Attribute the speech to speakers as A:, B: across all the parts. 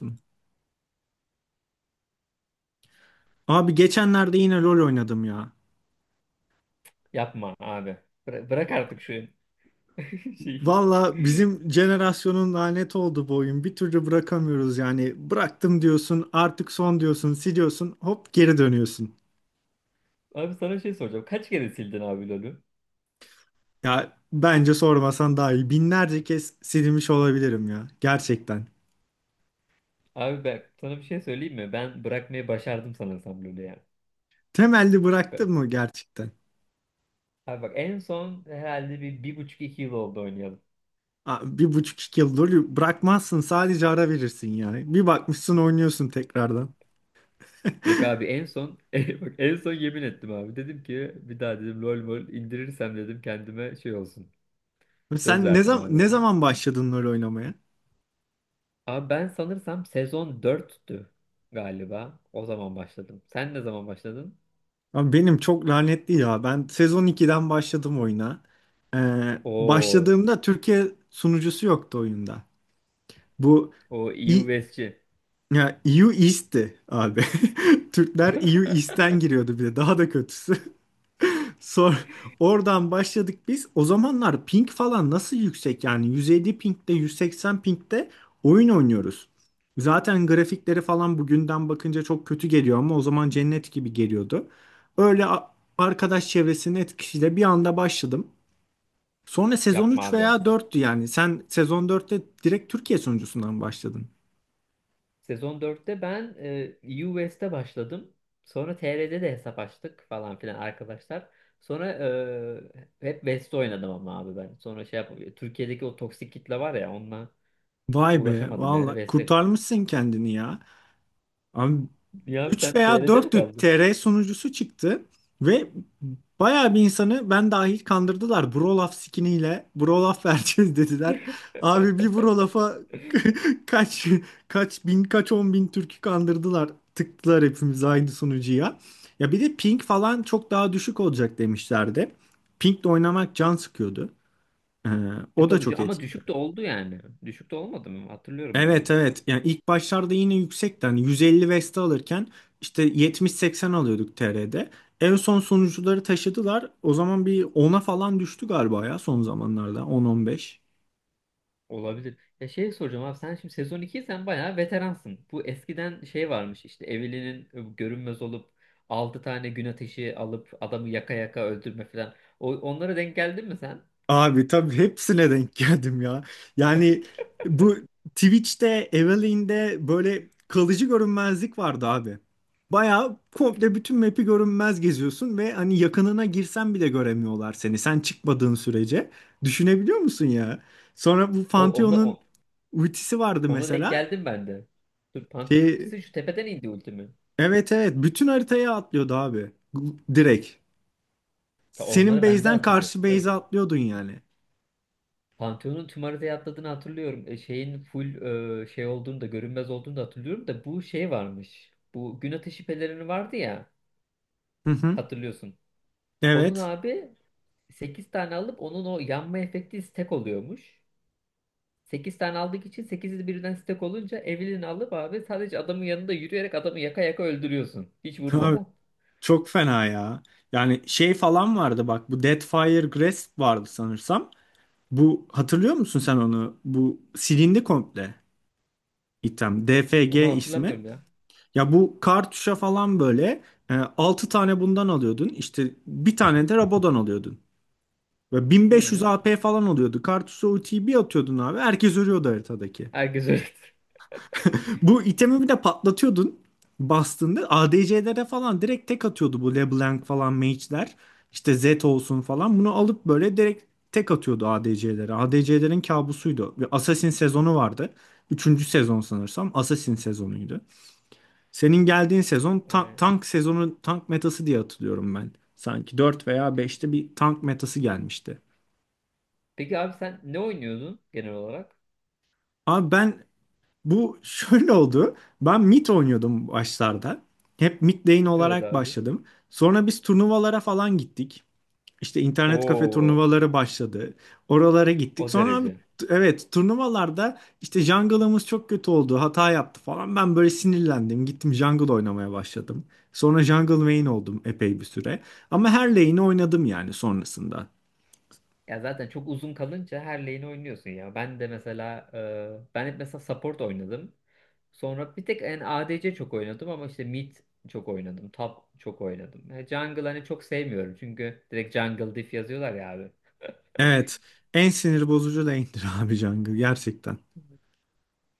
A: Yaptım. Abi geçenlerde yine rol oynadım ya.
B: Yapma abi. Bırak artık şu şeyi.
A: Valla bizim jenerasyonun lanet oldu bu oyun. Bir türlü bırakamıyoruz yani. Bıraktım diyorsun, artık son diyorsun, siliyorsun, hop geri dönüyorsun.
B: Abi sana şey soracağım. Kaç kere sildin abi LoL'ü?
A: Ya bence sormasan daha iyi. Binlerce kez silmiş olabilirim ya. Gerçekten.
B: Abi ben sana bir şey söyleyeyim mi? Ben bırakmayı başardım sanırsam LoL'ü ya.
A: Temelli
B: Be-
A: bıraktın mı gerçekten?
B: Abi bak en son herhalde bir, bir buçuk iki yıl oldu oynayalım.
A: Aa, bir buçuk iki yıl LoL'ü bırakmazsın, sadece ara verirsin yani. Bir bakmışsın oynuyorsun tekrardan.
B: Yok abi en son bak en son yemin ettim abi. Dedim ki bir daha dedim LoL mol indirirsem dedim kendime şey olsun. Söz
A: Sen ne
B: verdim
A: zaman
B: abi
A: ne
B: yani.
A: zaman başladın rol oynamaya?
B: Abi ben sanırsam sezon dörttü galiba. O zaman başladım. Sen ne zaman başladın?
A: Abi benim çok lanetli ya. Ben sezon 2'den başladım oyuna.
B: Oo.
A: Başladığımda Türkiye sunucusu yoktu oyunda. Bu
B: O EU
A: i
B: West'ci.
A: Ya, EU East'ti abi. Türkler EU East'ten giriyordu bir de. Daha da kötüsü. Sor, oradan başladık biz. O zamanlar ping falan nasıl yüksek, yani 150 pingde, 180 pingde oyun oynuyoruz. Zaten grafikleri falan bugünden bakınca çok kötü geliyor ama o zaman cennet gibi geliyordu. Öyle a- Arkadaş çevresinin etkisiyle bir anda başladım. Sonra sezon
B: Yapma
A: 3
B: abi
A: veya
B: sen.
A: 4'tü yani. Sen sezon 4'te direkt Türkiye sonuncusundan başladın.
B: Sezon dörtte ben EU West'e başladım. Sonra TR'de de hesap açtık falan filan arkadaşlar. Sonra hep West'te oynadım ama abi ben. Sonra şey yap Türkiye'deki o toksik kitle var ya onunla
A: Vay be,
B: uğraşamadım yani
A: valla
B: West'e.
A: kurtarmışsın kendini ya. Abi
B: Ya abi sen
A: 3 veya
B: TR'de mi
A: 4,
B: kaldın?
A: TR sunucusu çıktı ve bayağı bir insanı ben dahil kandırdılar. Brolaf skiniyle Brolaf vereceğiz dediler. Abi bir Brolaf'a kaç, kaç bin, kaç on bin Türk'ü kandırdılar. Tıktılar hepimiz aynı sunucuya. Ya bir de ping falan çok daha düşük olacak demişlerdi. Ping'le oynamak can sıkıyordu. Ee,
B: E
A: O da
B: tabii ki
A: çok
B: ama
A: etkili.
B: düşük de oldu yani. Düşük de olmadı mı? Hatırlıyorum ben onu.
A: Evet, evet. Yani ilk başlarda yine yüksekten, hani 150 Vesta alırken işte 70-80 alıyorduk TR'de. En son sonuçları taşıdılar. O zaman bir 10'a falan düştü galiba ya, son zamanlarda 10-15.
B: Olabilir. Ya şey soracağım abi sen şimdi sezon 2 sen bayağı veteransın. Bu eskiden şey varmış işte Eveline'in görünmez olup 6 tane gün ateşi alıp adamı yaka yaka öldürme falan. Onlara denk geldin mi sen?
A: Abi tabii hepsine denk geldim ya. Yani bu Twitch'te, Eveline'de böyle kalıcı görünmezlik vardı abi. Bayağı komple bütün map'i görünmez geziyorsun ve hani yakınına girsen bile göremiyorlar seni, sen çıkmadığın sürece. Düşünebiliyor musun ya? Sonra bu
B: O, onda,
A: Pantheon'un
B: o-
A: ultisi vardı
B: Ona denk
A: mesela.
B: geldim ben de. Dur Pantheon
A: Şey,
B: ultisi şu tepeden indi ultimi.
A: evet, evet, bütün haritaya atlıyordu abi. Direkt.
B: Ta
A: Senin
B: onları ben de
A: base'den
B: hatırlıyorum
A: karşı
B: canım.
A: base'e atlıyordun yani.
B: Pantheon'un tüm haritaya atladığını hatırlıyorum. E, şeyin full şey olduğunu da görünmez olduğunu da hatırlıyorum da bu şey varmış. Bu gün ateşi pelerini vardı ya
A: Hı hı.
B: hatırlıyorsun. Onun
A: Evet.
B: abi 8 tane alıp onun o yanma efekti stack oluyormuş. 8 tane aldık için 8'i birden stack olunca Evelyn'i alıp abi sadece adamın yanında yürüyerek adamı yaka yaka öldürüyorsun. Hiç vurmadan.
A: Çok fena ya. Yani şey falan vardı, bak bu Deathfire Grasp vardı sanırsam. Bu, hatırlıyor musun sen onu? Bu silindi komple item.
B: Onu
A: DFG ismi.
B: hatırlamıyorum ya.
A: Ya bu kartuşa falan böyle 6 tane bundan alıyordun. İşte bir tane de Rabo'dan alıyordun. Ve
B: Hı
A: 1500
B: hı.
A: AP falan oluyordu. Kartuşa ultiyi bir atıyordun abi. Herkes ölüyordu haritadaki.
B: Herkes öyledir.
A: Bu itemi bir de patlatıyordun bastığında. ADC'lere falan direkt tek atıyordu bu LeBlanc falan mage'ler. İşte Zed olsun falan. Bunu alıp böyle direkt tek atıyordu ADC'lere. ADC'lerin kabusuydu. Bir Assassin sezonu vardı. Üçüncü sezon sanırsam Assassin sezonuydu. Senin geldiğin sezon
B: Aynen.
A: tank sezonu, tank metası diye hatırlıyorum ben. Sanki 4 veya
B: Pe-
A: beşte bir tank metası gelmişti.
B: Peki abi sen ne oynuyordun genel olarak?
A: Abi bu şöyle oldu. Ben mid oynuyordum başlarda. Hep mid lane
B: Evet
A: olarak
B: abi.
A: başladım. Sonra biz turnuvalara falan gittik. İşte internet kafe
B: Oo,
A: turnuvaları başladı. Oralara
B: o
A: gittik. Sonra abi
B: derece.
A: evet, turnuvalarda işte jungle'ımız çok kötü oldu. Hata yaptı falan. Ben böyle sinirlendim. Gittim jungle oynamaya başladım. Sonra jungle main oldum epey bir süre. Ama her lane'i oynadım yani sonrasında.
B: Ya zaten çok uzun kalınca her lane'i oynuyorsun ya. Ben de mesela ben hep mesela support oynadım. Sonra bir tek en ADC çok oynadım ama işte mid çok oynadım. Top çok oynadım. Yani jungle hani çok sevmiyorum çünkü direkt jungle diff yazıyorlar ya abi.
A: Evet. En sinir bozucu lane'dir abi jungle, gerçekten.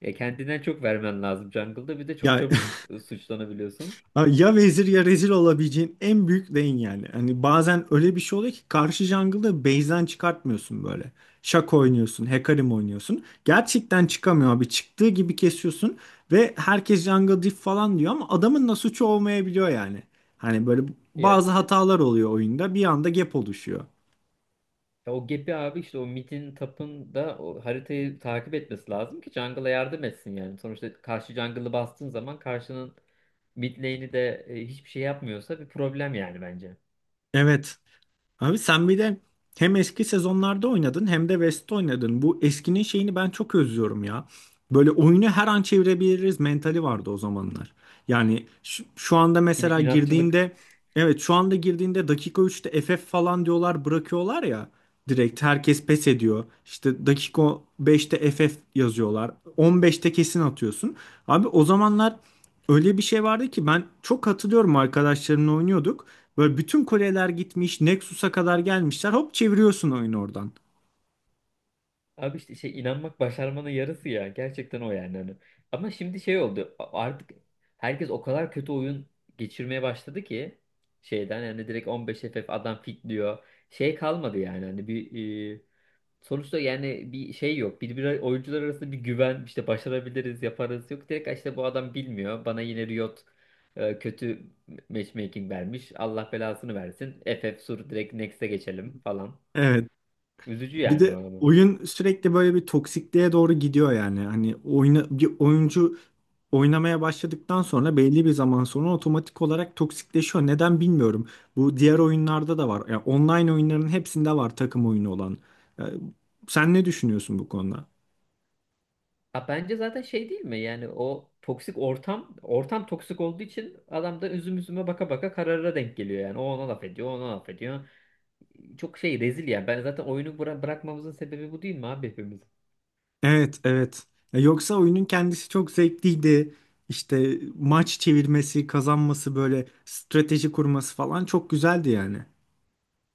B: Ya kendinden çok vermen lazım jungle'da bir de çok
A: Ya
B: çabuk suçlanabiliyorsun.
A: Ha, Ya vezir ya rezil olabileceğin en büyük lane yani. Hani bazen öyle bir şey oluyor ki karşı jungle'da base'den çıkartmıyorsun böyle. Şak oynuyorsun, Hecarim oynuyorsun. Gerçekten çıkamıyor abi. Çıktığı gibi kesiyorsun ve herkes jungle diff falan diyor ama adamın da suçu olmayabiliyor yani. Hani böyle
B: Ya,
A: bazı hatalar oluyor oyunda. Bir anda gap oluşuyor.
B: ya o gap'i abi işte o mid'in tap'ın da o haritayı takip etmesi lazım ki jungle'a yardım etsin yani. Sonuçta karşı jungle'ı bastığın zaman karşının mid lane'i de hiçbir şey yapmıyorsa bir problem yani bence.
A: Evet. Abi sen bir de hem eski sezonlarda oynadın hem de West'te oynadın. Bu eskinin şeyini ben çok özlüyorum ya. Böyle oyunu her an çevirebiliriz mentali vardı o zamanlar. Yani
B: İnatçılık
A: şu anda girdiğinde dakika 3'te FF falan diyorlar, bırakıyorlar ya, direkt herkes pes ediyor. İşte dakika 5'te FF yazıyorlar. 15'te kesin atıyorsun. Abi o zamanlar öyle bir şey vardı ki, ben çok hatırlıyorum, arkadaşlarımla oynuyorduk. Böyle bütün kuleler gitmiş, Nexus'a kadar gelmişler, hop çeviriyorsun oyunu oradan.
B: Abi işte şey inanmak başarmanın yarısı ya. Gerçekten o yani. Hani. Ama şimdi şey oldu. Artık herkes o kadar kötü oyun geçirmeye başladı ki şeyden yani direkt 15 FF adam fitliyor. Şey kalmadı yani. Hani bir sonuçta yani bir şey yok. Bir, oyuncular arasında bir güven işte başarabiliriz, yaparız yok. Direkt işte bu adam bilmiyor. Bana yine Riot kötü matchmaking vermiş. Allah belasını versin. FF sur direkt next'e geçelim falan.
A: Evet.
B: Üzücü
A: Bir
B: yani
A: de
B: o.
A: oyun sürekli böyle bir toksikliğe doğru gidiyor yani. Hani oyna, bir oyuncu oynamaya başladıktan sonra belli bir zaman sonra otomatik olarak toksikleşiyor. Neden bilmiyorum. Bu diğer oyunlarda da var. Yani online oyunların hepsinde var, takım oyunu olan. Ee, Sen ne düşünüyorsun bu konuda?
B: Ha, bence zaten şey değil mi? Yani o toksik ortam, ortam toksik olduğu için adam da üzüm üzüme baka baka karara denk geliyor yani. O ona laf ediyor, o ona laf ediyor. Çok şey rezil yani. Ben zaten oyunu bırakmamızın sebebi bu değil mi abi hepimiz?
A: Evet, evet. Ya, yoksa oyunun kendisi çok zevkliydi. İşte maç çevirmesi, kazanması, böyle strateji kurması falan çok güzeldi yani.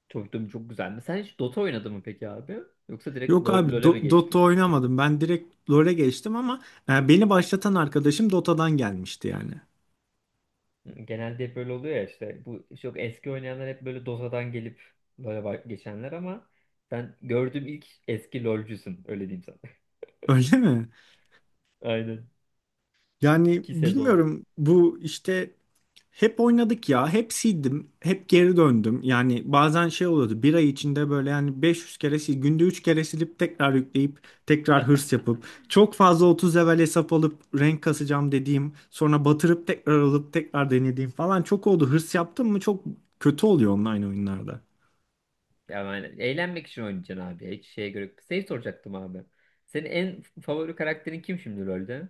B: Çocukluğum çok güzel mi? Sen hiç Dota oynadın mı peki abi? Yoksa direkt
A: Yok abi,
B: LoL'e mi
A: Dota
B: geçtin?
A: oynamadım. Ben direkt LoL'e geçtim ama beni başlatan arkadaşım Dota'dan gelmişti yani.
B: Genelde hep böyle oluyor ya işte. Bu çok eski oynayanlar hep böyle Dota'dan gelip LoL'e geçenler ama ben gördüğüm ilk eski LoL'cüsün öyle diyeyim sana.
A: Öyle mi?
B: Aynen.
A: Yani
B: İki sezon.
A: bilmiyorum, bu işte hep oynadık ya. Hep sildim. Hep geri döndüm. Yani bazen şey oluyordu. Bir ay içinde böyle yani 500 kere sil, günde 3 kere silip tekrar yükleyip tekrar hırs yapıp çok fazla 30 level hesap alıp renk kasacağım dediğim, sonra batırıp tekrar alıp tekrar denediğim falan çok oldu. Hırs yaptım mı çok kötü oluyor online oyunlarda.
B: Yani eğlenmek için oynayacaksın abi. Hiç şeye göre. Şey soracaktım abi. Senin en favori karakterin kim şimdi LoL'de?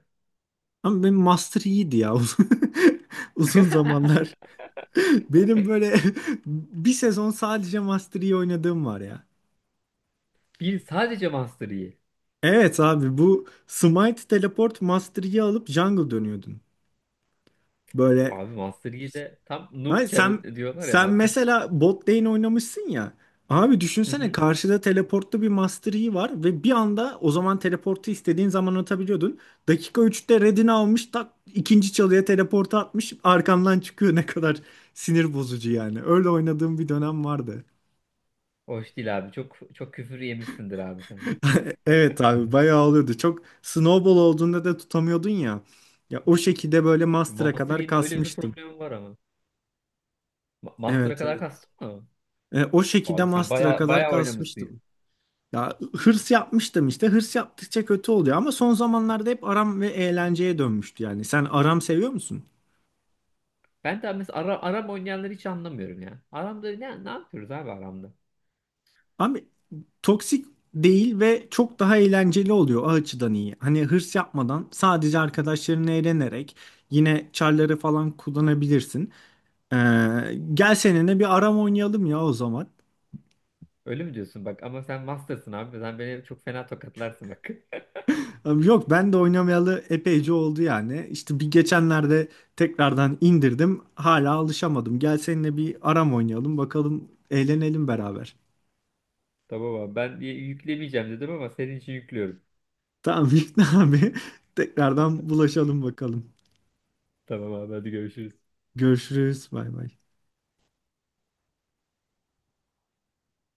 A: Ama benim master iyiydi ya, uzun zamanlar. Benim böyle bir sezon sadece Master Yi oynadığım var ya.
B: Bir sadece Master Yi.
A: Evet abi, bu Smite Teleport Master Yi alıp jungle dönüyordun. Böyle
B: Abi Master Yi de tam noob
A: Hayır, sen
B: çarı diyorlar ya
A: sen
B: Master.
A: mesela bot lane oynamışsın ya. Abi
B: Hı
A: düşünsene,
B: hı.
A: karşıda teleportlu bir Master Yi var ve bir anda, o zaman teleportu istediğin zaman atabiliyordun. Dakika 3'te redini almış, tak ikinci çalıya teleportu atmış, arkandan çıkıyor, ne kadar sinir bozucu yani. Öyle oynadığım bir dönem vardı.
B: Hoş değil abi. Çok çok küfür yemişsindir abi sen.
A: Evet abi, bayağı oluyordu. Çok snowball olduğunda da tutamıyordun ya. Ya o şekilde böyle master'a
B: Master
A: kadar
B: Yi'nin öyle bir
A: kasmıştım.
B: problemi var ama. Master'a
A: Evet,
B: kadar
A: evet.
B: kastın mı?
A: O şekilde
B: Abi sen
A: master'a
B: baya
A: kadar
B: baya oynamışsın.
A: kasmıştım. Ya hırs yapmıştım işte. Hırs yaptıkça kötü oluyor ama son zamanlarda hep aram ve eğlenceye dönmüştü yani. Sen aram seviyor musun?
B: Ben de mesela Aram oynayanları hiç anlamıyorum ya. Aram'da ne yapıyoruz abi Aram'da?
A: Abi toksik değil ve çok daha eğlenceli oluyor, o açıdan iyi. Hani hırs yapmadan sadece arkadaşlarınla eğlenerek yine çarları falan kullanabilirsin. Ee, Gel seninle bir aram oynayalım ya o zaman.
B: Öyle mi diyorsun bak ama sen master'sın abi. Sen beni çok fena tokatlarsın bak.
A: Yok ben de oynamayalı epeyce oldu yani. İşte bir geçenlerde tekrardan indirdim. Hala alışamadım. Gel seninle bir aram oynayalım, bakalım eğlenelim beraber.
B: Tamam abi ben yüklemeyeceğim dedim ama senin için yüklüyorum.
A: Tamam. Vicdan abi, tekrardan bulaşalım bakalım.
B: Tamam abi hadi görüşürüz.
A: Görüşürüz, bay bay.